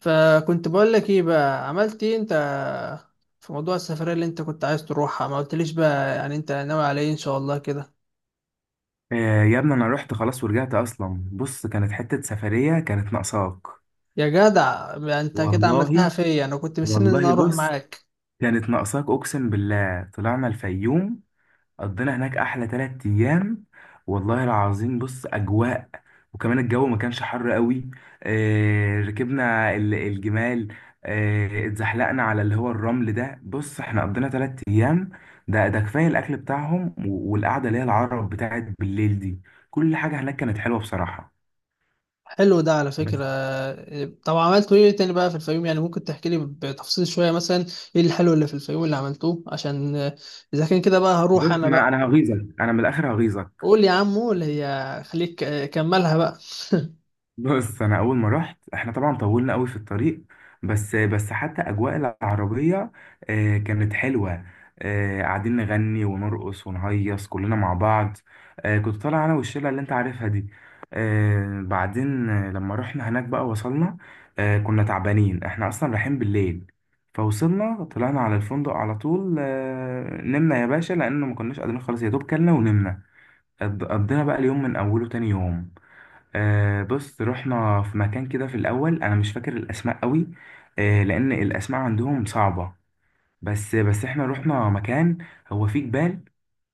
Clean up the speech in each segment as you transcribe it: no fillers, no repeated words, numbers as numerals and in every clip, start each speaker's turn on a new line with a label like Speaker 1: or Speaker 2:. Speaker 1: فكنت بقول لك ايه بقى عملت ايه انت في موضوع السفرية اللي انت كنت عايز تروحها؟ ما قلتليش بقى يعني انت ناوي على ايه ان شاء الله كده؟
Speaker 2: يا ابني انا رحت خلاص ورجعت اصلا. بص، كانت حتة سفرية كانت ناقصاك.
Speaker 1: يا جدع بقى انت كده عملتها
Speaker 2: والله،
Speaker 1: فيا، انا كنت مستني ان أنا
Speaker 2: والله،
Speaker 1: اروح
Speaker 2: بص،
Speaker 1: معاك.
Speaker 2: كانت ناقصاك اقسم بالله. طلعنا الفيوم، قضينا هناك احلى 3 ايام. والله العظيم، بص اجواء. وكمان الجو ما كانش حر قوي. ركبنا الجمال. اتزحلقنا على اللي هو الرمل ده. بص، احنا قضينا 3 ايام. ده كفاية، الاكل بتاعهم والقعدة اللي هي العرب بتاعت بالليل دي. كل حاجة هناك كانت حلوة بصراحة.
Speaker 1: حلو ده على
Speaker 2: بس.
Speaker 1: فكرة. طب عملتوا ايه تاني بقى في الفيوم يعني؟ ممكن تحكي لي بتفصيل شوية مثلا ايه الحلو اللي في الفيوم اللي عملتوه؟ عشان اذا كان كده بقى هروح
Speaker 2: بص،
Speaker 1: انا
Speaker 2: انا
Speaker 1: بقى.
Speaker 2: انا هغيظك، انا من الاخر هغيظك.
Speaker 1: قول يا عمو، اللي هي خليك كملها بقى.
Speaker 2: بص، انا اول ما رحت احنا طبعا طولنا قوي في الطريق. بس بس حتى اجواء العربيه كانت حلوه. قاعدين نغني ونرقص ونهيص كلنا مع بعض. كنت طالع انا والشله اللي انت عارفها دي. آه، بعدين آه، لما رحنا هناك بقى وصلنا. كنا تعبانين، احنا اصلا رايحين بالليل. فوصلنا طلعنا على الفندق على طول، نمنا يا باشا لانه ما كناش قادرين خالص يا دوب كلنا ونمنا. قضينا بقى اليوم من اوله تاني يوم. بص، رحنا في مكان كده في الاول. انا مش فاكر الاسماء قوي، لان الاسماء عندهم صعبه. بس بس احنا رحنا مكان هو فيه جبال،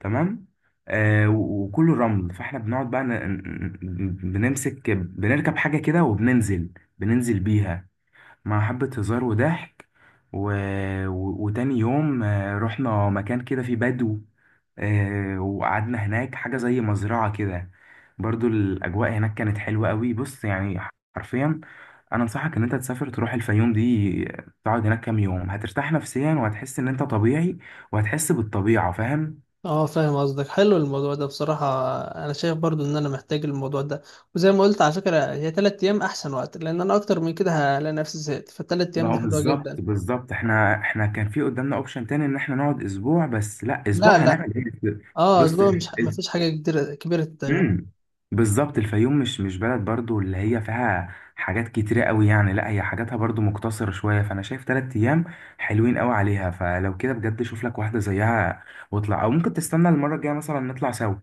Speaker 2: تمام. وكله رمل. فاحنا بنقعد بقى بنمسك بنركب حاجه كده وبننزل، بننزل بيها مع حبة هزار وضحك. و... وتاني يوم رحنا مكان كده فيه بدو. وقعدنا هناك حاجة زي مزرعة كده. برضو الأجواء هناك كانت حلوة قوي، بص يعني. حرفيا أنا أنصحك إن أنت تسافر تروح الفيوم دي، تقعد هناك كام يوم هترتاح نفسيا وهتحس إن أنت طبيعي وهتحس بالطبيعة. فاهم؟
Speaker 1: اه فاهم قصدك، حلو الموضوع ده بصراحة. انا شايف برضو ان انا محتاج الموضوع ده. وزي ما قلت على فكرة، هي تلات ايام احسن وقت، لان انا اكتر من كده هلاقي نفسي زهقت، فالتلات ايام دي
Speaker 2: بقى
Speaker 1: حلوة
Speaker 2: بالظبط
Speaker 1: جدا.
Speaker 2: بالظبط احنا كان في قدامنا اوبشن تاني ان احنا نقعد اسبوع. بس لا، اسبوع
Speaker 1: لا لا.
Speaker 2: هنعمل ايه؟
Speaker 1: اه
Speaker 2: بص.
Speaker 1: اسبوع، مش مفيش حاجة كبيرة كبيرة تتعمل.
Speaker 2: امم بالظبط، الفيوم مش بلد برضو اللي هي فيها حاجات كتيرة قوي يعني، لا هي حاجاتها برضو مقتصرة شوية. فانا شايف 3 ايام حلوين قوي عليها. فلو كده بجد شوف لك واحدة زيها واطلع، او ممكن تستنى المرة الجاية مثلا نطلع سوا.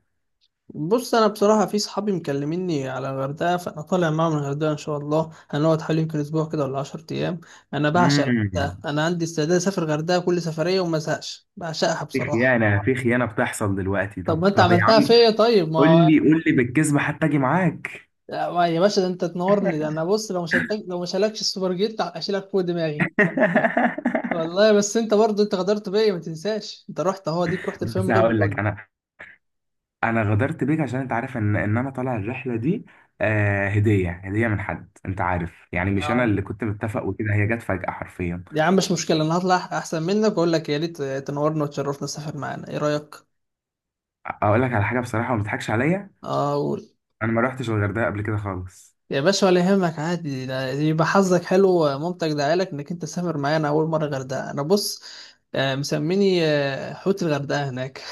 Speaker 1: بص، انا بصراحة في صحابي مكلميني على الغردقة، فانا طالع معاهم الغردقة ان شاء الله، هنقعد حوالي يمكن اسبوع كده ولا 10 ايام. انا بعشق
Speaker 2: امم
Speaker 1: الغردقة، انا عندي استعداد اسافر الغردقة كل سفرية وما ازهقش، بعشقها
Speaker 2: في
Speaker 1: بصراحة.
Speaker 2: خيانة، في خيانة بتحصل دلوقتي.
Speaker 1: طب
Speaker 2: طب،
Speaker 1: ما انت
Speaker 2: طب يا عم،
Speaker 1: عملتها فيا، طيب
Speaker 2: قول
Speaker 1: ما...
Speaker 2: لي، قول لي بالكذب حتى اجي معاك.
Speaker 1: لا، يا باشا ده انت تنورني، ده انا بص، لو مش هلاكش السوبر جيت اشيلك فوق دماغي. والله بس انت برضه انت غدرت بيا ما تنساش، انت رحت اهو ديك، رحت الفيلم
Speaker 2: بس
Speaker 1: من غير ما
Speaker 2: هقول
Speaker 1: تقول
Speaker 2: لك
Speaker 1: لي.
Speaker 2: انا، انا غدرت بيك عشان انت عارف ان انا طالع الرحله دي. هديه، هديه من حد انت عارف، يعني مش انا
Speaker 1: اه
Speaker 2: اللي كنت متفق، وكده هي جت فجاه حرفيا.
Speaker 1: يا عم مش مشكله، انا هطلع احسن منك واقول لك يا ريت تنورنا وتشرفنا، سافر معانا ايه رايك؟
Speaker 2: اقول لك على حاجه بصراحه وما تضحكش عليا.
Speaker 1: اه قول.
Speaker 2: انا ما رحتش الغردقه قبل كده خالص.
Speaker 1: يا باشا ولا يهمك، عادي، ده يبقى حظك حلو ومامتك دعالك انك انت سافر معانا اول مره غردقه. انا بص، مسميني حوت الغردقه هناك.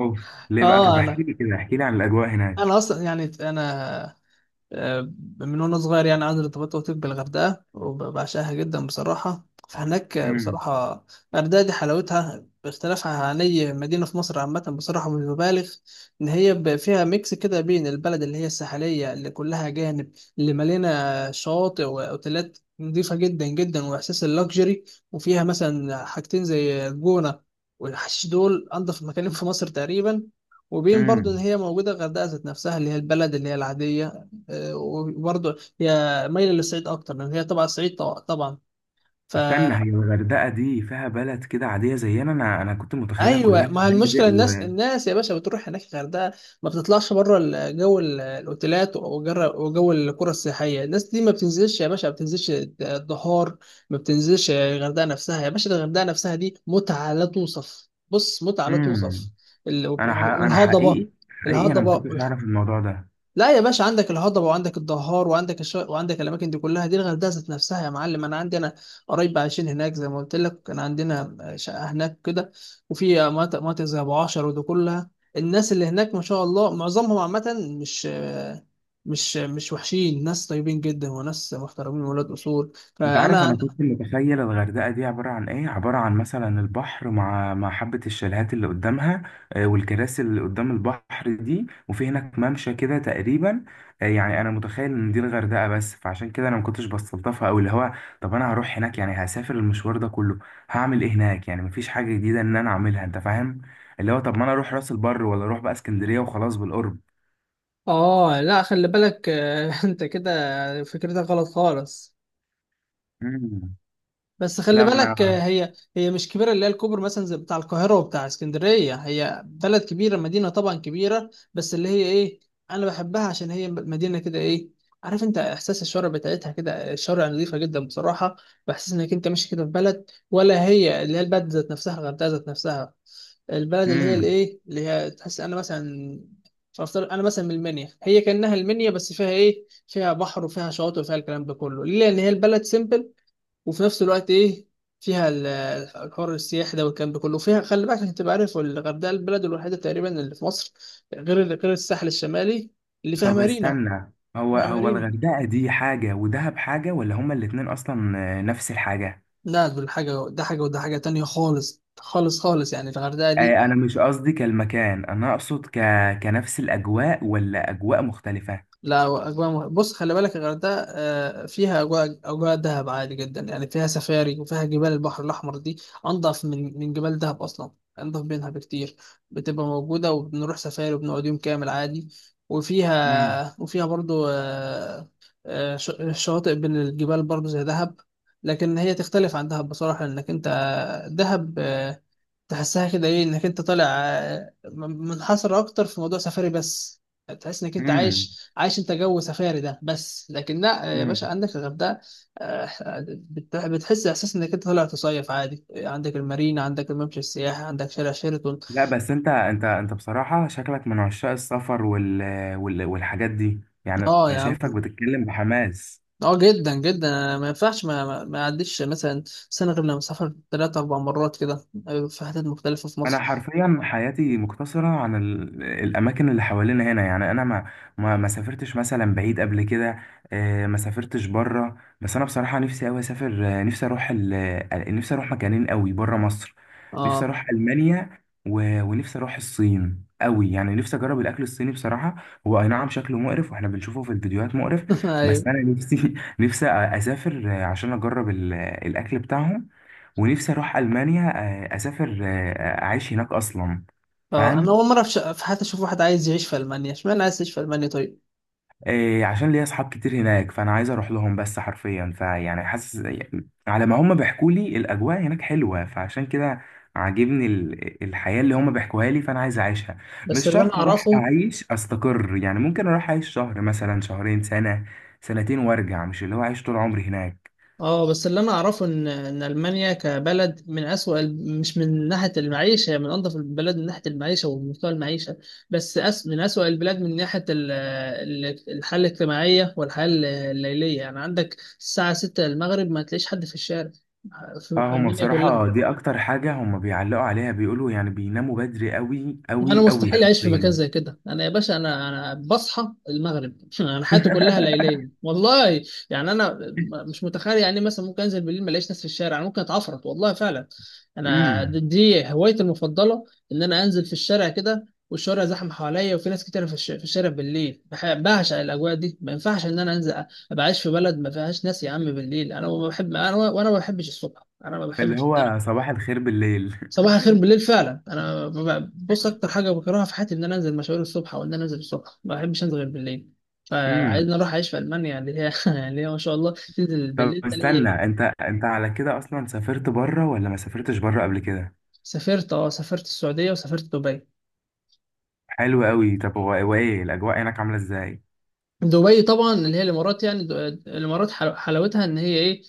Speaker 2: اوف. ليه بقى؟ طب
Speaker 1: اه
Speaker 2: احكي
Speaker 1: انا
Speaker 2: لي كده، احكي لي عن الاجواء
Speaker 1: انا
Speaker 2: هناك.
Speaker 1: اصلا يعني انا، آه، من وانا صغير يعني عندي ارتباط وثيق بالغردقه وبعشقها جدا بصراحه. فهناك،
Speaker 2: امم
Speaker 1: بصراحه الغردقه دي حلاوتها باختلافها عن اي مدينه في مصر عامه، بصراحه مش ببالغ. ان هي فيها ميكس كده بين البلد اللي هي الساحليه اللي كلها جانب، اللي مليانه شواطئ واوتيلات نظيفه جدا جدا واحساس اللوكجري، وفيها مثلا حاجتين زي الجونه والحشيش، دول انضف مكانين في مصر تقريبا. وبين برضو ان
Speaker 2: امم
Speaker 1: هي موجوده الغردقه ذات نفسها اللي هي البلد اللي هي العاديه. وبرضه هي مايلة للصعيد أكتر، لأن هي طبعا صعيد طبعا. فا
Speaker 2: استنى، هي الغردقه دي فيها بلد كده عاديه زينا؟ انا كنت متخيلها كلها
Speaker 1: أيوه ما هي
Speaker 2: فنادق
Speaker 1: المشكلة، الناس
Speaker 2: و
Speaker 1: الناس يا باشا بتروح هناك الغردقة، ما بتطلعش بره جو الأوتيلات وجو القرى السياحية. الناس دي ما بتنزلش يا باشا، ما بتنزلش الدهار، ما بتنزلش الغردقة نفسها يا باشا. الغردقة نفسها دي متعة لا توصف، بص متعة لا
Speaker 2: امم
Speaker 1: توصف.
Speaker 2: انا انا
Speaker 1: والهضبة،
Speaker 2: حقيقي، حقيقي، انا ما
Speaker 1: الهضبة،
Speaker 2: كنتش اعرف الموضوع ده.
Speaker 1: لا يا باشا عندك الهضبة وعندك الدهار وعندك وعندك الأماكن دي كلها، دي الغردقة ذات نفسها يا معلم. أنا عندي قرايب عايشين هناك زي ما قلت لك، كان عندنا شقة هناك كده. وفي مناطق مناطق زي أبو عشر ودي كلها. الناس اللي هناك ما شاء الله معظمهم عامة مش وحشين، ناس طيبين جدا وناس محترمين ولاد أصول.
Speaker 2: انت عارف انا
Speaker 1: فأنا
Speaker 2: كنت متخيل الغردقه دي عباره عن ايه؟ عباره عن مثلا البحر مع حبه الشاليهات اللي قدامها، والكراسي اللي قدام البحر دي، وفي هناك ممشى كده تقريبا. يعني انا متخيل ان دي الغردقه بس. فعشان كده انا ما كنتش بستلطفها قوي. اللي هو طب انا هروح هناك يعني، هسافر المشوار ده كله هعمل ايه هناك يعني؟ مفيش حاجه جديده ان انا اعملها. انت فاهم؟ اللي هو طب ما انا اروح راس البر، ولا اروح بقى اسكندريه وخلاص بالقرب.
Speaker 1: آه لا خلي بالك أنت كده فكرتك غلط خالص.
Speaker 2: مم.
Speaker 1: بس خلي
Speaker 2: لا ما
Speaker 1: بالك،
Speaker 2: انا.
Speaker 1: هي مش كبيره، اللي هي الكوبر مثلا زي بتاع القاهره وبتاع اسكندريه، هي بلد كبيره، مدينه طبعا كبيره، بس اللي هي ايه، انا بحبها عشان هي مدينه كده ايه، عارف؟ انت احساس الشوارع بتاعتها كده، الشوارع نظيفه جدا بصراحه. بحس انك انت ماشي كده في بلد، ولا هي اللي هي البلد ذات نفسها، الغردقه ذات نفسها، البلد اللي هي
Speaker 2: مم.
Speaker 1: الايه، اللي هي تحس، انا مثلا، فافترض انا مثلا من المنيا، هي كانها المنيا بس فيها ايه، فيها بحر وفيها شواطئ وفيها الكلام ده كله. ليه؟ لان هي البلد سيمبل وفي نفس الوقت ايه، فيها الحر السياحي ده والكلام ده كله. وفيها خلي بالك عشان تبقى عارف، الغردقه البلد الوحيده تقريبا اللي في مصر غير الساحل الشمالي اللي فيها
Speaker 2: طب
Speaker 1: مارينا.
Speaker 2: استنى، هو
Speaker 1: فيها
Speaker 2: هو
Speaker 1: مارينا.
Speaker 2: الغردقة دي حاجة ودهب حاجة، ولا هما الاتنين أصلا نفس الحاجة؟
Speaker 1: لا، دول حاجه، ده حاجه وده حاجه تانية خالص خالص خالص، يعني الغردقه دي.
Speaker 2: أنا مش قصدي كالمكان، أنا أقصد كنفس الأجواء ولا أجواء مختلفة؟
Speaker 1: لا أجواء بص خلي بالك، الغردقة فيها أجواء، أجواء دهب عادي جدا يعني، فيها سفاري وفيها جبال البحر الأحمر دي، أنضف من جبال دهب أصلا، أنضف منها بكتير. بتبقى موجودة وبنروح سفاري وبنقعد يوم كامل عادي.
Speaker 2: مم.
Speaker 1: وفيها برضو شواطئ بين الجبال برضو زي دهب. لكن هي تختلف عن دهب بصراحة، لأنك أنت دهب تحسها كده ايه، انك انت طالع منحصر اكتر في موضوع سفاري بس، تحس انك انت
Speaker 2: مم.
Speaker 1: عايش عايش انت جو سفاري ده بس. لكن لا يا باشا
Speaker 2: مم.
Speaker 1: عندك الغردقه، آه، بتحس احساس انك انت طالع تصيف عادي، عندك المارينا، عندك الممشى السياحي، عندك شارع شيراتون.
Speaker 2: لا بس أنت بصراحة شكلك من عشاق السفر والحاجات دي، يعني
Speaker 1: اه
Speaker 2: أنا
Speaker 1: يا
Speaker 2: شايفك
Speaker 1: عم.
Speaker 2: بتتكلم بحماس.
Speaker 1: اه جدا جدا، أنا ما ينفعش ما اعديش مثلا سنه غير لما اسافر ثلاث اربع مرات كده، في حتت مختلفه في
Speaker 2: انا
Speaker 1: مصر.
Speaker 2: حرفيا حياتي مقتصره عن الاماكن اللي حوالينا هنا، يعني انا ما سافرتش مثلا بعيد قبل كده. ما سافرتش بره. بس انا بصراحه نفسي قوي اسافر، نفسي اروح مكانين قوي بره مصر. نفسي
Speaker 1: اه
Speaker 2: اروح المانيا، ونفسي اروح الصين قوي، يعني نفسي اجرب الاكل الصيني بصراحه. هو اي نعم شكله مقرف، واحنا بنشوفه في الفيديوهات مقرف.
Speaker 1: ايوه.
Speaker 2: بس انا نفسي نفسي اسافر عشان اجرب الاكل بتاعهم. ونفسي اروح المانيا، اسافر اعيش هناك اصلا.
Speaker 1: اه انا
Speaker 2: فاهم؟
Speaker 1: اول مره في حياتي اشوف واحد عايز يعيش في المانيا، اشمعنى عايز يعيش في المانيا طيب؟
Speaker 2: عشان ليا اصحاب كتير هناك فانا عايز اروح لهم، بس حرفيا فيعني حاسس على ما هم بيحكوا لي الاجواء هناك حلوه. فعشان كده عاجبني الحياه اللي هم بيحكوها لي، فانا عايز اعيشها.
Speaker 1: بس
Speaker 2: مش
Speaker 1: اللي انا
Speaker 2: شرط اروح
Speaker 1: اعرفه
Speaker 2: اعيش استقر يعني، ممكن اروح اعيش شهر مثلا، شهرين، سنه، سنتين وارجع، مش اللي هو اعيش طول عمري هناك.
Speaker 1: اه بس اللي انا اعرفه ان المانيا كبلد من اسوأ مش من ناحيه المعيشه، هي من انظف البلاد من ناحيه المعيشه ومستوى المعيشه، بس من اسوأ البلاد من ناحيه الحاله الاجتماعيه والحياه الليليه. يعني عندك الساعه 6 المغرب ما تلاقيش حد في الشارع في
Speaker 2: اه، هما
Speaker 1: المانيا كلها.
Speaker 2: بصراحة دي أكتر حاجة هما بيعلقوا عليها. بيقولوا يعني بيناموا بدري أوي
Speaker 1: انا
Speaker 2: أوي أوي
Speaker 1: مستحيل اعيش في مكان
Speaker 2: حرفيا.
Speaker 1: زي كده، انا يا باشا انا بصحى المغرب انا حياتي كلها ليليه والله. يعني انا مش متخيل، يعني مثلا ممكن انزل بالليل ما الاقيش ناس في الشارع، انا ممكن اتعفرت والله فعلا. انا
Speaker 2: امم
Speaker 1: دي هوايتي المفضله، ان انا انزل في الشارع كده والشوارع زحمه حواليا وفي ناس كتير في في الشارع بالليل، بعشق الاجواء دي. ما ينفعش ان انا انزل ابقى عايش في بلد ما فيهاش ناس يا عم بالليل، انا ما بحب، انا وانا ما بحبش الصبح، انا ما
Speaker 2: اللي
Speaker 1: بحبش
Speaker 2: هو صباح الخير بالليل.
Speaker 1: صباح الخير بالليل فعلا. انا بص اكتر حاجه بكرهها في حياتي ان انا انزل مشاوير الصبح، او ان انا انزل الصبح، ما بحبش انزل غير بالليل.
Speaker 2: امم.
Speaker 1: فعايزني اروح اعيش في المانيا اللي هي اللي هي ما شاء الله تنزل
Speaker 2: طب
Speaker 1: بالليل
Speaker 2: استنى،
Speaker 1: تلاقي.
Speaker 2: انت انت على كده اصلا سافرت بره ولا ما سافرتش بره قبل كده؟
Speaker 1: سافرت اه، سافرت السعوديه وسافرت دبي.
Speaker 2: حلو قوي. طب هو هو ايه الاجواء هناك عامله ازاي؟
Speaker 1: دبي طبعا اللي هي الامارات يعني، الامارات حلاوتها ان هي ايه،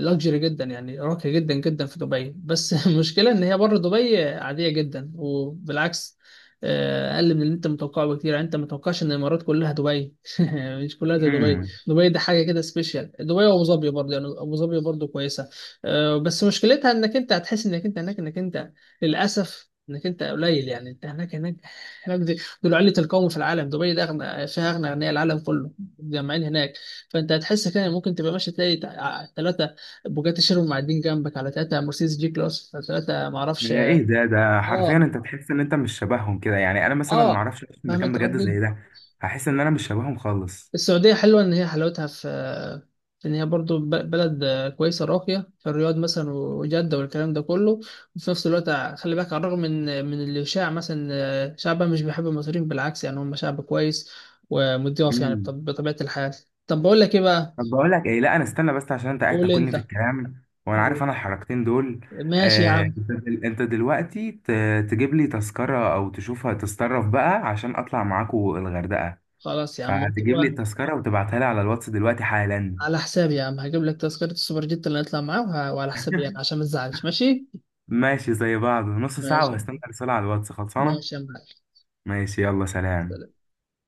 Speaker 1: لاكجري جدا يعني، راقية جدا جدا في دبي. بس المشكلة ان هي بره دبي عادية جدا، وبالعكس اقل من اللي انت متوقعه بكتير، يعني انت متوقعش ان الامارات كلها دبي مش كلها زي دبي.
Speaker 2: امم
Speaker 1: دبي دي حاجة كده سبيشال، دبي وابو ظبي برضه، يعني ابو ظبي برضه كويسة بس مشكلتها انك انت هتحس انك انت هناك انك انت للاسف انك انت قليل، يعني انت هناك هناك. دول علة القوم في العالم، دبي ده أغنى فيها، أغنى أغنياء العالم كله متجمعين هناك. فأنت هتحس كده ممكن تبقى ماشي تلاقي ثلاثة بوجاتي شيرون معدين جنبك، على ثلاثة مرسيدس جي كلاس، على ثلاثة معرفش.
Speaker 2: ايه ده حرفيا
Speaker 1: اه.
Speaker 2: انت تحس ان انت مش شبههم كده يعني، انا مثلا ما
Speaker 1: اه
Speaker 2: اعرفش اعيش في
Speaker 1: فاهم
Speaker 2: مكان
Speaker 1: أنت
Speaker 2: بجد
Speaker 1: قصدي؟
Speaker 2: زي ده. هحس ان انا مش شبههم خالص.
Speaker 1: السعودية حلوة إن هي حلاوتها في إن هي برضو بلد كويسة راقية في الرياض مثلا وجدة والكلام ده كله. وفي نفس الوقت خلي بالك، على الرغم من الإشاعة مثلا شعبها مش بيحب المصريين، بالعكس يعني، هم شعب كويس ومضياف يعني بطبيعة الحال. طب بقول لك إيه بقى؟
Speaker 2: طب بقول لك ايه، لا انا استنى بس عشان انت قاعد
Speaker 1: قول
Speaker 2: تاكلني في
Speaker 1: أنت.
Speaker 2: الكلام، وانا عارف انا الحركتين دول.
Speaker 1: ماشي يا عم.
Speaker 2: انت أنت دلوقتي تجيب لي تذكرة او تشوفها تتصرف بقى عشان اطلع معاكو الغردقة.
Speaker 1: خلاص يا عم
Speaker 2: فتجيب لي التذكرة وتبعتها لي على الواتس دلوقتي حالا.
Speaker 1: على حسابي يا عم، هجيب لك تذكرة السوبر جيت اللي هنطلع معاه، وعلى حسابي يعني عشان ما تزعلش، ماشي.
Speaker 2: ماشي زي بعض، نص ساعة
Speaker 1: ماشي يا
Speaker 2: وهستنى
Speaker 1: عم.
Speaker 2: رسالة على الواتس خلصانة.
Speaker 1: ماشي يا معلم.
Speaker 2: ماشي يلا سلام.